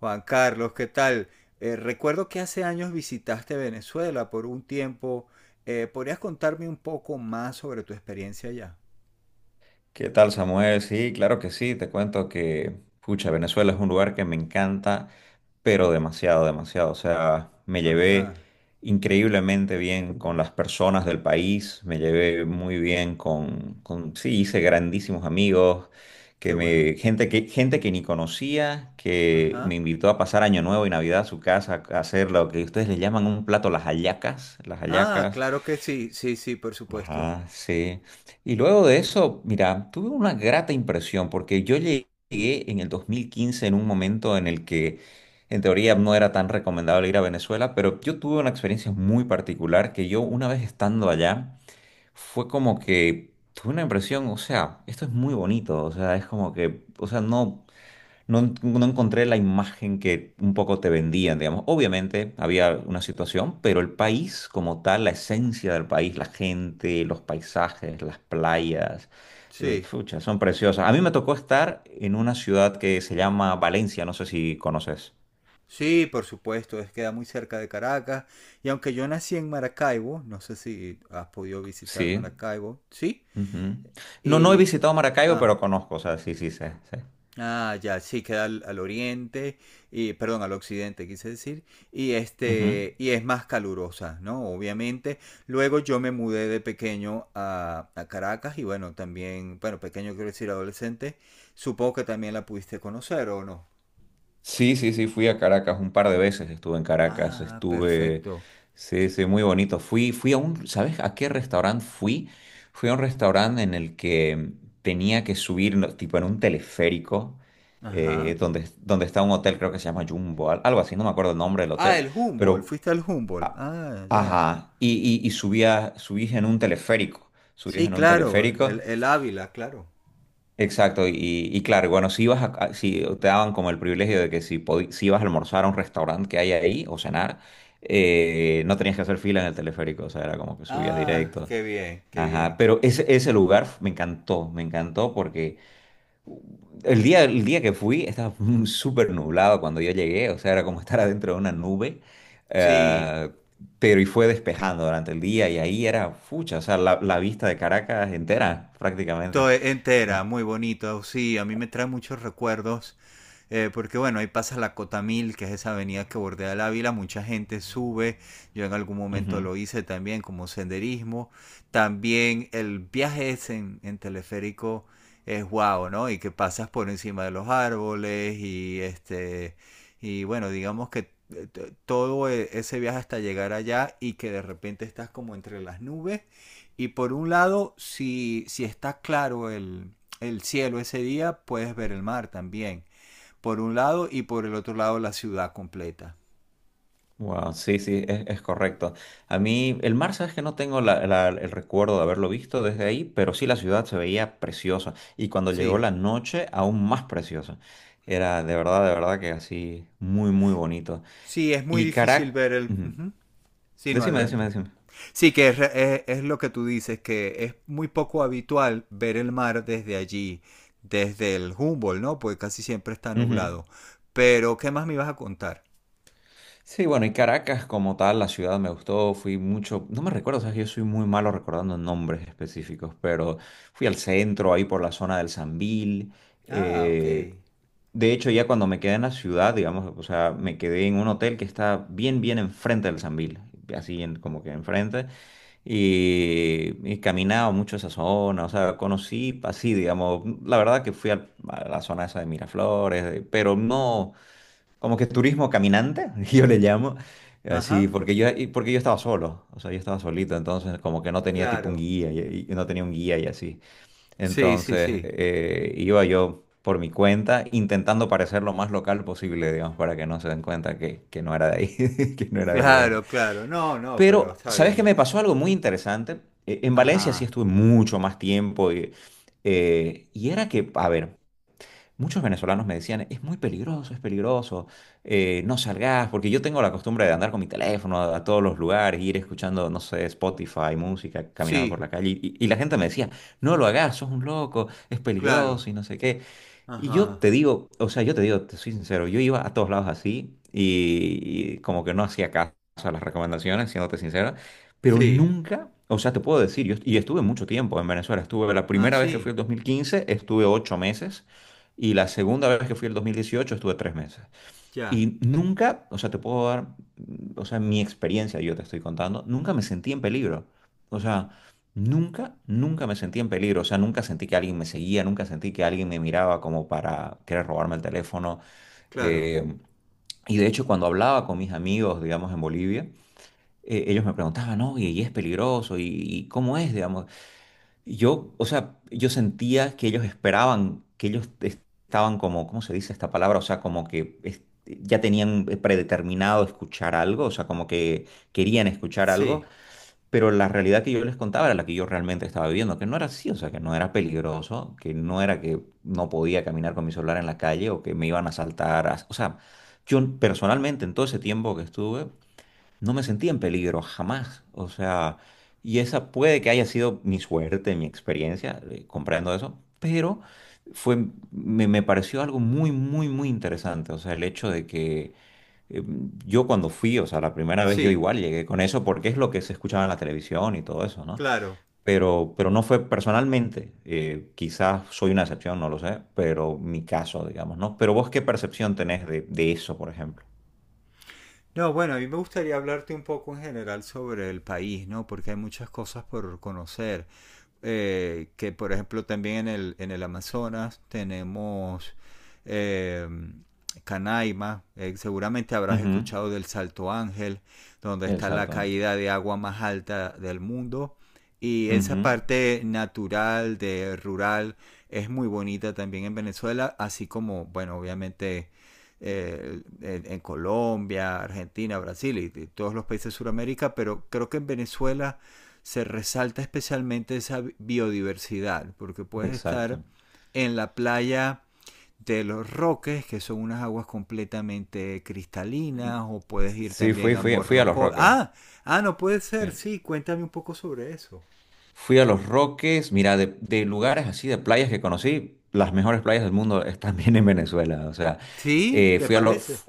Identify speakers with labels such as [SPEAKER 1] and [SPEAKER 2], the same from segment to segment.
[SPEAKER 1] Juan Carlos, ¿qué tal? Recuerdo que hace años visitaste Venezuela por un tiempo. ¿Podrías contarme un poco más sobre tu experiencia allá?
[SPEAKER 2] ¿Qué tal, Samuel? Sí, claro que sí. Te cuento que, pucha, Venezuela es un lugar que me encanta, pero demasiado, demasiado. O sea, me llevé
[SPEAKER 1] Ajá,
[SPEAKER 2] increíblemente bien con las personas del país, me llevé muy bien sí, hice grandísimos amigos,
[SPEAKER 1] qué bueno.
[SPEAKER 2] gente que ni conocía, que me
[SPEAKER 1] Ajá.
[SPEAKER 2] invitó a pasar Año Nuevo y Navidad a su casa a hacer lo que ustedes le llaman un plato, las hallacas, las
[SPEAKER 1] Ah,
[SPEAKER 2] hallacas.
[SPEAKER 1] claro que sí, sí, sí, por supuesto.
[SPEAKER 2] Ajá, sí. Y luego de eso, mira, tuve una grata impresión porque yo llegué en el 2015 en un momento en el que en teoría no era tan recomendable ir a Venezuela, pero yo tuve una experiencia muy particular que yo una vez estando allá fue como que tuve una impresión, o sea, esto es muy bonito, o sea, es como que, o sea, no, no, no encontré la imagen que un poco te vendían, digamos. Obviamente había una situación, pero el país como tal, la esencia del país, la gente, los paisajes, las playas,
[SPEAKER 1] Sí,
[SPEAKER 2] pucha, son preciosas. A mí me tocó estar en una ciudad que se llama Valencia, no sé si conoces.
[SPEAKER 1] sí, por supuesto, es queda muy cerca de Caracas. Y aunque yo nací en Maracaibo, no sé si has podido visitar
[SPEAKER 2] Sí.
[SPEAKER 1] Maracaibo, sí.
[SPEAKER 2] Ujú. No, no he
[SPEAKER 1] Y,
[SPEAKER 2] visitado Maracaibo,
[SPEAKER 1] ah,
[SPEAKER 2] pero conozco, o sea, sí, sí, sé, sé.
[SPEAKER 1] ah, ya, sí, queda al oriente, y, perdón, al occidente quise decir, y
[SPEAKER 2] Ujú.
[SPEAKER 1] este, y es más calurosa, ¿no? Obviamente. Luego yo me mudé de pequeño a Caracas y bueno, también, bueno, pequeño quiero decir adolescente, supongo que también la pudiste conocer o no.
[SPEAKER 2] Sí, sí, sí, fui a Caracas un par de veces, estuve en Caracas,
[SPEAKER 1] Ah,
[SPEAKER 2] estuve,
[SPEAKER 1] perfecto.
[SPEAKER 2] sí, sí, muy bonito. Fui a un, ¿sabes a qué restaurante fui? Fui a un restaurante en el que tenía que subir, no, tipo en un teleférico,
[SPEAKER 1] Ajá.
[SPEAKER 2] donde está un hotel, creo que se llama Jumbo, algo así, no me acuerdo el nombre del
[SPEAKER 1] Ah,
[SPEAKER 2] hotel,
[SPEAKER 1] el Humboldt,
[SPEAKER 2] pero,
[SPEAKER 1] fuiste al Humboldt.
[SPEAKER 2] a-
[SPEAKER 1] Ah, ya.
[SPEAKER 2] ajá, y subís en un teleférico, subís
[SPEAKER 1] Sí,
[SPEAKER 2] en un
[SPEAKER 1] claro,
[SPEAKER 2] teleférico
[SPEAKER 1] el Ávila, claro.
[SPEAKER 2] Exacto, y claro, y bueno, si ibas a, si te daban como el privilegio de que si, si ibas a almorzar a un restaurante que hay ahí o cenar, no tenías que hacer fila en el teleférico, o sea, era como que subías
[SPEAKER 1] Ah,
[SPEAKER 2] directo.
[SPEAKER 1] qué bien, qué
[SPEAKER 2] Ajá,
[SPEAKER 1] bien.
[SPEAKER 2] pero ese, me encantó porque el día que fui estaba súper nublado cuando yo llegué, o sea, era como estar adentro de una nube,
[SPEAKER 1] Sí.
[SPEAKER 2] eh, pero y fue despejando durante el día y ahí era fucha, o sea, la vista de Caracas entera prácticamente.
[SPEAKER 1] Entera,
[SPEAKER 2] Era-
[SPEAKER 1] muy bonito, sí, a mí me trae muchos recuerdos porque bueno, ahí pasa la Cotamil, que es esa avenida que bordea el Ávila, mucha gente sube, yo en algún momento
[SPEAKER 2] Ujú.
[SPEAKER 1] lo hice también como senderismo, también el viaje ese en teleférico es guau, wow, ¿no? Y que pasas por encima de los árboles y este, y bueno, digamos que ese viaje hasta llegar allá y que de repente estás como entre las nubes y por un lado si, si está claro el cielo ese día puedes ver el mar también por un lado y por el otro lado la ciudad completa.
[SPEAKER 2] Wow, sí, sí, es, correcto. A mí, el mar, sabes que no tengo el recuerdo de haberlo visto desde ahí, pero sí la ciudad se veía preciosa. Y cuando llegó
[SPEAKER 1] Sí,
[SPEAKER 2] la noche, aún más preciosa. Era de verdad que así, muy, muy bonito.
[SPEAKER 1] sí, es muy
[SPEAKER 2] Y
[SPEAKER 1] difícil
[SPEAKER 2] Caracas.
[SPEAKER 1] ver el... ujú. Sí, no,
[SPEAKER 2] Decime, decime,
[SPEAKER 1] adelante.
[SPEAKER 2] decime.
[SPEAKER 1] Sí, que es, es lo que tú dices, que es muy poco habitual ver el mar desde allí, desde el Humboldt, ¿no? Porque casi siempre está
[SPEAKER 2] Ujú.
[SPEAKER 1] nublado. Pero, ¿qué más me ibas a contar?
[SPEAKER 2] Sí, bueno, y Caracas como tal, la ciudad me gustó, fui mucho, no me recuerdo, sabes, que yo soy muy malo recordando nombres específicos, pero fui al centro, ahí por la zona del Sambil.
[SPEAKER 1] Ah, ok.
[SPEAKER 2] De hecho, ya cuando me quedé en la ciudad, digamos, o sea, me quedé en un hotel que está bien, bien enfrente del Sambil, como que enfrente, y caminaba mucho esa zona, o sea, conocí así, digamos, la verdad que fui a la zona esa de Miraflores, pero no, como que turismo caminante, yo le llamo, así,
[SPEAKER 1] Ajá,
[SPEAKER 2] porque yo, y porque yo estaba solo, o sea, yo estaba solito, entonces como que no tenía tipo un
[SPEAKER 1] claro.
[SPEAKER 2] guía, y no tenía un guía y así.
[SPEAKER 1] Sí, sí,
[SPEAKER 2] Entonces,
[SPEAKER 1] sí.
[SPEAKER 2] iba yo por mi cuenta intentando parecer lo más local posible, digamos, para que no se den cuenta que no era de ahí, que no era del lugar.
[SPEAKER 1] Claro, claro. No, no, pero
[SPEAKER 2] Pero,
[SPEAKER 1] está
[SPEAKER 2] ¿sabes qué?
[SPEAKER 1] bien.
[SPEAKER 2] Me pasó algo muy interesante. En Valencia sí
[SPEAKER 1] Ajá.
[SPEAKER 2] estuve mucho más tiempo y, y era que, a ver, muchos venezolanos me decían, es muy peligroso, es peligroso, no salgas, porque yo tengo la costumbre de andar con mi teléfono a, todos los lugares, ir escuchando, no sé, Spotify, música, caminando por
[SPEAKER 1] Sí,
[SPEAKER 2] la calle, y la gente me decía,
[SPEAKER 1] sí,
[SPEAKER 2] no lo hagas, sos un loco, es
[SPEAKER 1] claro.
[SPEAKER 2] peligroso y no sé qué. Y yo
[SPEAKER 1] Ajá.
[SPEAKER 2] te digo, o sea, yo te digo, te soy sincero, yo iba a todos lados así y como que no hacía caso a las recomendaciones, siéndote sincera, pero
[SPEAKER 1] Sí.
[SPEAKER 2] nunca, o sea, te puedo decir, y estuve mucho tiempo en Venezuela, estuve la
[SPEAKER 1] Ah,
[SPEAKER 2] primera vez que
[SPEAKER 1] sí.
[SPEAKER 2] fui el 2015, estuve 8 meses, y la segunda vez que fui el 2018 estuve 3 meses.
[SPEAKER 1] Ya,
[SPEAKER 2] Y nunca, o sea, te puedo dar, o sea, mi experiencia, yo te estoy contando, nunca me sentí en peligro. O sea, nunca, nunca me sentí en peligro. O sea, nunca sentí que alguien me seguía, nunca sentí que alguien me miraba como para querer robarme el teléfono.
[SPEAKER 1] claro.
[SPEAKER 2] Eh, y de hecho, cuando hablaba con mis amigos, digamos, en Bolivia, ellos me preguntaban, oye, ¿y es peligroso? ¿Y cómo es, digamos? Yo, o sea, yo sentía que ellos esperaban, que ellos estaban como, ¿cómo se dice esta palabra? O sea, como que ya tenían predeterminado escuchar algo, o sea, como que querían escuchar algo,
[SPEAKER 1] Sí,
[SPEAKER 2] pero la realidad que yo les contaba era la que yo realmente estaba viviendo, que no era así, o sea, que no era peligroso, que no era que no podía caminar con mi celular en la calle o que me iban a asaltar, o sea, yo personalmente en todo ese tiempo que estuve no me sentí en peligro jamás. O sea, y esa puede que haya sido mi suerte, mi experiencia comprando eso, pero me pareció algo muy, muy, muy interesante. O sea, el hecho de que eh, yo cuando fui, o sea, la primera vez yo
[SPEAKER 1] sí,
[SPEAKER 2] igual llegué con eso porque es lo que se escuchaba en la televisión y todo eso, ¿no?
[SPEAKER 1] claro.
[SPEAKER 2] Pero no fue personalmente, quizás soy una excepción, no lo sé, pero mi caso, digamos, ¿no? Pero vos, ¿qué percepción tenés de, eso, por ejemplo?
[SPEAKER 1] No, bueno, a mí me gustaría hablarte un poco en general sobre el país, ¿no? Porque hay muchas cosas por conocer. Que por ejemplo también en el Amazonas tenemos eh, Canaima, seguramente habrás
[SPEAKER 2] Ujú.
[SPEAKER 1] escuchado del Salto Ángel, donde está la
[SPEAKER 2] Exacto.
[SPEAKER 1] caída de agua más alta del mundo. Y esa
[SPEAKER 2] Ujú.
[SPEAKER 1] parte natural, de rural, es muy bonita también en Venezuela, así como, bueno, obviamente en, Colombia, Argentina, Brasil y todos los países de Sudamérica, pero creo que en Venezuela se resalta especialmente esa biodiversidad, porque puedes estar
[SPEAKER 2] Exacto.
[SPEAKER 1] en la playa de los roques, que son unas aguas completamente cristalinas, o puedes ir
[SPEAKER 2] Sí,
[SPEAKER 1] también
[SPEAKER 2] fui,
[SPEAKER 1] a
[SPEAKER 2] fui, fui a Los
[SPEAKER 1] Morrocoy.
[SPEAKER 2] Roques.
[SPEAKER 1] Ah, ah, no puede ser,
[SPEAKER 2] Sí.
[SPEAKER 1] sí, cuéntame un poco sobre eso.
[SPEAKER 2] Fui a Los Roques, mira, de, lugares así, de playas que conocí, las mejores playas del mundo están bien en Venezuela. O sea,
[SPEAKER 1] ¿Sí?
[SPEAKER 2] eh,
[SPEAKER 1] ¿Te
[SPEAKER 2] fui a los,
[SPEAKER 1] parece?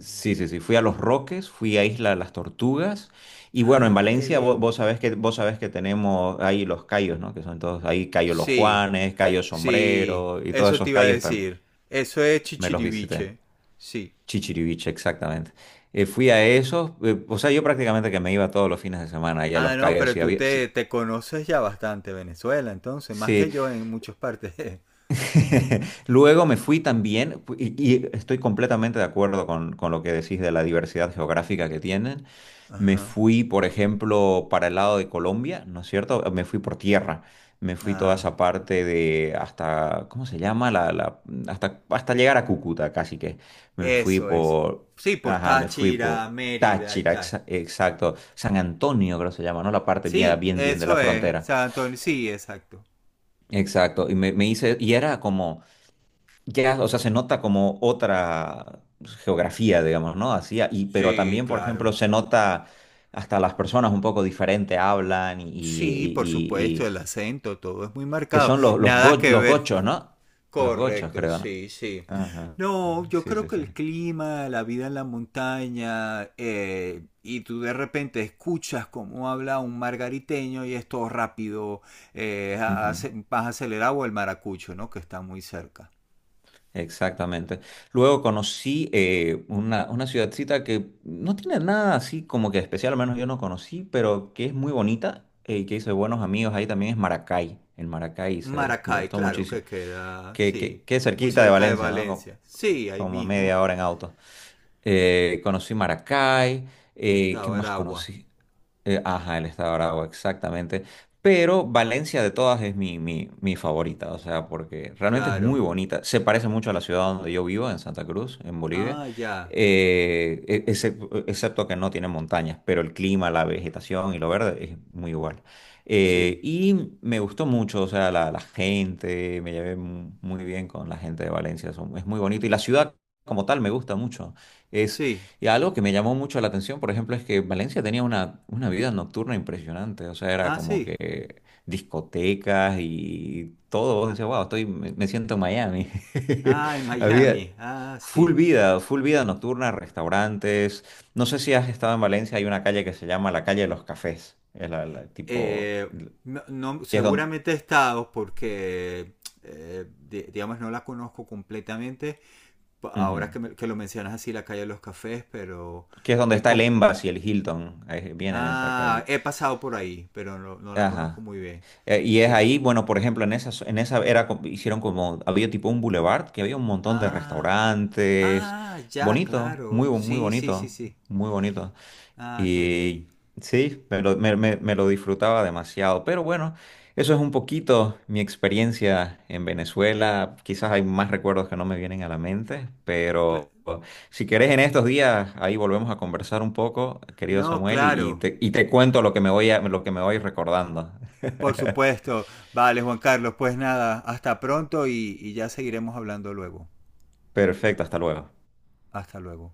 [SPEAKER 2] sí, sí, sí, fui a Los Roques, fui a Isla de las Tortugas. Y bueno, en
[SPEAKER 1] Ah, qué
[SPEAKER 2] Valencia
[SPEAKER 1] bien.
[SPEAKER 2] vos sabés que tenemos ahí los cayos, ¿no? Que son todos, ahí Cayo Los
[SPEAKER 1] Sí,
[SPEAKER 2] Juanes, Cayo
[SPEAKER 1] sí,
[SPEAKER 2] Sombrero y todos
[SPEAKER 1] eso te
[SPEAKER 2] esos
[SPEAKER 1] iba a
[SPEAKER 2] cayos
[SPEAKER 1] decir. Eso es
[SPEAKER 2] me los visité.
[SPEAKER 1] chichiriviche. Sí.
[SPEAKER 2] Chichiriviche, exactamente. Fui a esos, o sea, yo prácticamente que me iba todos los fines de semana allá a
[SPEAKER 1] Ah,
[SPEAKER 2] los
[SPEAKER 1] no,
[SPEAKER 2] callos
[SPEAKER 1] pero
[SPEAKER 2] y
[SPEAKER 1] tú
[SPEAKER 2] había...
[SPEAKER 1] te,
[SPEAKER 2] Sí,
[SPEAKER 1] te conoces ya bastante Venezuela, entonces, más que
[SPEAKER 2] sí.
[SPEAKER 1] yo en muchas partes.
[SPEAKER 2] Luego me fui también, y estoy completamente de acuerdo con, lo que decís de la diversidad geográfica que tienen. Me
[SPEAKER 1] Ajá.
[SPEAKER 2] fui, por ejemplo, para el lado de Colombia, ¿no es cierto? Me fui por tierra. Me fui toda
[SPEAKER 1] Ah,
[SPEAKER 2] esa parte de hasta, ¿cómo se llama? Hasta llegar a Cúcuta, casi que. Me fui
[SPEAKER 1] eso es.
[SPEAKER 2] por,
[SPEAKER 1] Sí, por
[SPEAKER 2] ajá, me fui
[SPEAKER 1] Táchira,
[SPEAKER 2] por
[SPEAKER 1] Mérida y
[SPEAKER 2] Táchira,
[SPEAKER 1] tal.
[SPEAKER 2] exacto. San Antonio, creo que se llama, ¿no? La parte bien,
[SPEAKER 1] Sí,
[SPEAKER 2] bien, bien de la
[SPEAKER 1] eso es.
[SPEAKER 2] frontera.
[SPEAKER 1] San Antonio, sí, exacto.
[SPEAKER 2] Exacto. Y me hice, y era como ya, o sea, se nota como otra geografía, digamos, ¿no? Así, y, pero
[SPEAKER 1] Sí,
[SPEAKER 2] también, por ejemplo,
[SPEAKER 1] claro.
[SPEAKER 2] se nota hasta las personas un poco diferente hablan
[SPEAKER 1] Sí, por supuesto, el acento, todo es muy
[SPEAKER 2] que
[SPEAKER 1] marcado.
[SPEAKER 2] son
[SPEAKER 1] Nada que
[SPEAKER 2] los
[SPEAKER 1] ver.
[SPEAKER 2] gochos, ¿no? Los gochos,
[SPEAKER 1] Correcto,
[SPEAKER 2] creo, ¿no?
[SPEAKER 1] sí, sí.
[SPEAKER 2] Ajá.
[SPEAKER 1] No, yo
[SPEAKER 2] Sí,
[SPEAKER 1] creo
[SPEAKER 2] sí,
[SPEAKER 1] que
[SPEAKER 2] sí.
[SPEAKER 1] el clima, la vida en la montaña, y tú de repente escuchas cómo habla un margariteño y es todo rápido,
[SPEAKER 2] Ujú.
[SPEAKER 1] más acelerado o el maracucho, ¿no? Que está muy cerca.
[SPEAKER 2] Exactamente. Luego conocí una ciudadcita que no tiene nada así como que especial, al menos yo no conocí, pero que es muy bonita y que hice buenos amigos ahí también es Maracay. En Maracay se me
[SPEAKER 1] Maracay,
[SPEAKER 2] gustó
[SPEAKER 1] claro, que
[SPEAKER 2] muchísimo.
[SPEAKER 1] queda,
[SPEAKER 2] Que,
[SPEAKER 1] sí,
[SPEAKER 2] que, que es
[SPEAKER 1] muy
[SPEAKER 2] cerquita de
[SPEAKER 1] cerca de
[SPEAKER 2] Valencia, ¿no?
[SPEAKER 1] Valencia. Sí, ahí
[SPEAKER 2] Como,
[SPEAKER 1] mismo
[SPEAKER 2] media hora en auto. Conocí Maracay.
[SPEAKER 1] está
[SPEAKER 2] ¿Qué más
[SPEAKER 1] Aragua,
[SPEAKER 2] conocí? Ajá, el estado de Aragua, exactamente. Pero Valencia de todas es mi favorita, o sea, porque realmente es
[SPEAKER 1] claro.
[SPEAKER 2] muy bonita. Se parece mucho a la ciudad donde yo vivo, en Santa Cruz, en Bolivia,
[SPEAKER 1] Ah, ya,
[SPEAKER 2] excepto que no tiene montañas, pero el clima, la vegetación y lo verde es muy igual.
[SPEAKER 1] sí,
[SPEAKER 2] Y me gustó mucho, o sea, la gente, me llevé muy bien con la gente de Valencia, es muy bonito. Y la ciudad como tal me gusta mucho.
[SPEAKER 1] sí.
[SPEAKER 2] Y algo que me llamó mucho la atención, por ejemplo, es que Valencia tenía una vida nocturna impresionante. O sea, era
[SPEAKER 1] Ah,
[SPEAKER 2] como
[SPEAKER 1] sí.
[SPEAKER 2] que discotecas y todo. Vos decías, wow, me siento en Miami.
[SPEAKER 1] Ah, en
[SPEAKER 2] Había
[SPEAKER 1] Miami, ah, sí.
[SPEAKER 2] full vida nocturna, restaurantes. No sé si has estado en Valencia, hay una calle que se llama la calle de los cafés. Es tipo,
[SPEAKER 1] eh, no,
[SPEAKER 2] que es donde,
[SPEAKER 1] seguramente he estado porque, digamos, no la conozco completamente. Ahora que, que lo mencionas así, la calle de los cafés, pero...
[SPEAKER 2] que es donde
[SPEAKER 1] eh,
[SPEAKER 2] está el
[SPEAKER 1] como-
[SPEAKER 2] Embassy, el Hilton. Ahí viene en esa
[SPEAKER 1] Ah,
[SPEAKER 2] calle.
[SPEAKER 1] he pasado por ahí, pero no, no la conozco
[SPEAKER 2] Ajá.
[SPEAKER 1] muy bien.
[SPEAKER 2] Y es
[SPEAKER 1] Sí.
[SPEAKER 2] ahí, bueno, por ejemplo, en esa era, hicieron como, había tipo un boulevard, que había un montón de
[SPEAKER 1] Ah,
[SPEAKER 2] restaurantes,
[SPEAKER 1] ah, ya,
[SPEAKER 2] bonito,
[SPEAKER 1] claro.
[SPEAKER 2] muy
[SPEAKER 1] Sí, sí, sí,
[SPEAKER 2] bonito,
[SPEAKER 1] sí.
[SPEAKER 2] muy bonito.
[SPEAKER 1] Ah, qué bien.
[SPEAKER 2] Y sí, me lo disfrutaba demasiado, pero bueno, eso es un poquito mi experiencia en Venezuela, quizás hay más recuerdos que no me vienen a la mente,
[SPEAKER 1] Cla-
[SPEAKER 2] pero si querés en estos días, ahí volvemos a conversar un poco, querido
[SPEAKER 1] no,
[SPEAKER 2] Samuel,
[SPEAKER 1] claro.
[SPEAKER 2] te cuento lo que lo que me voy recordando.
[SPEAKER 1] Por supuesto. Vale, Juan Carlos, pues nada, hasta pronto y ya seguiremos hablando luego.
[SPEAKER 2] Perfecto, hasta luego.
[SPEAKER 1] Hasta luego.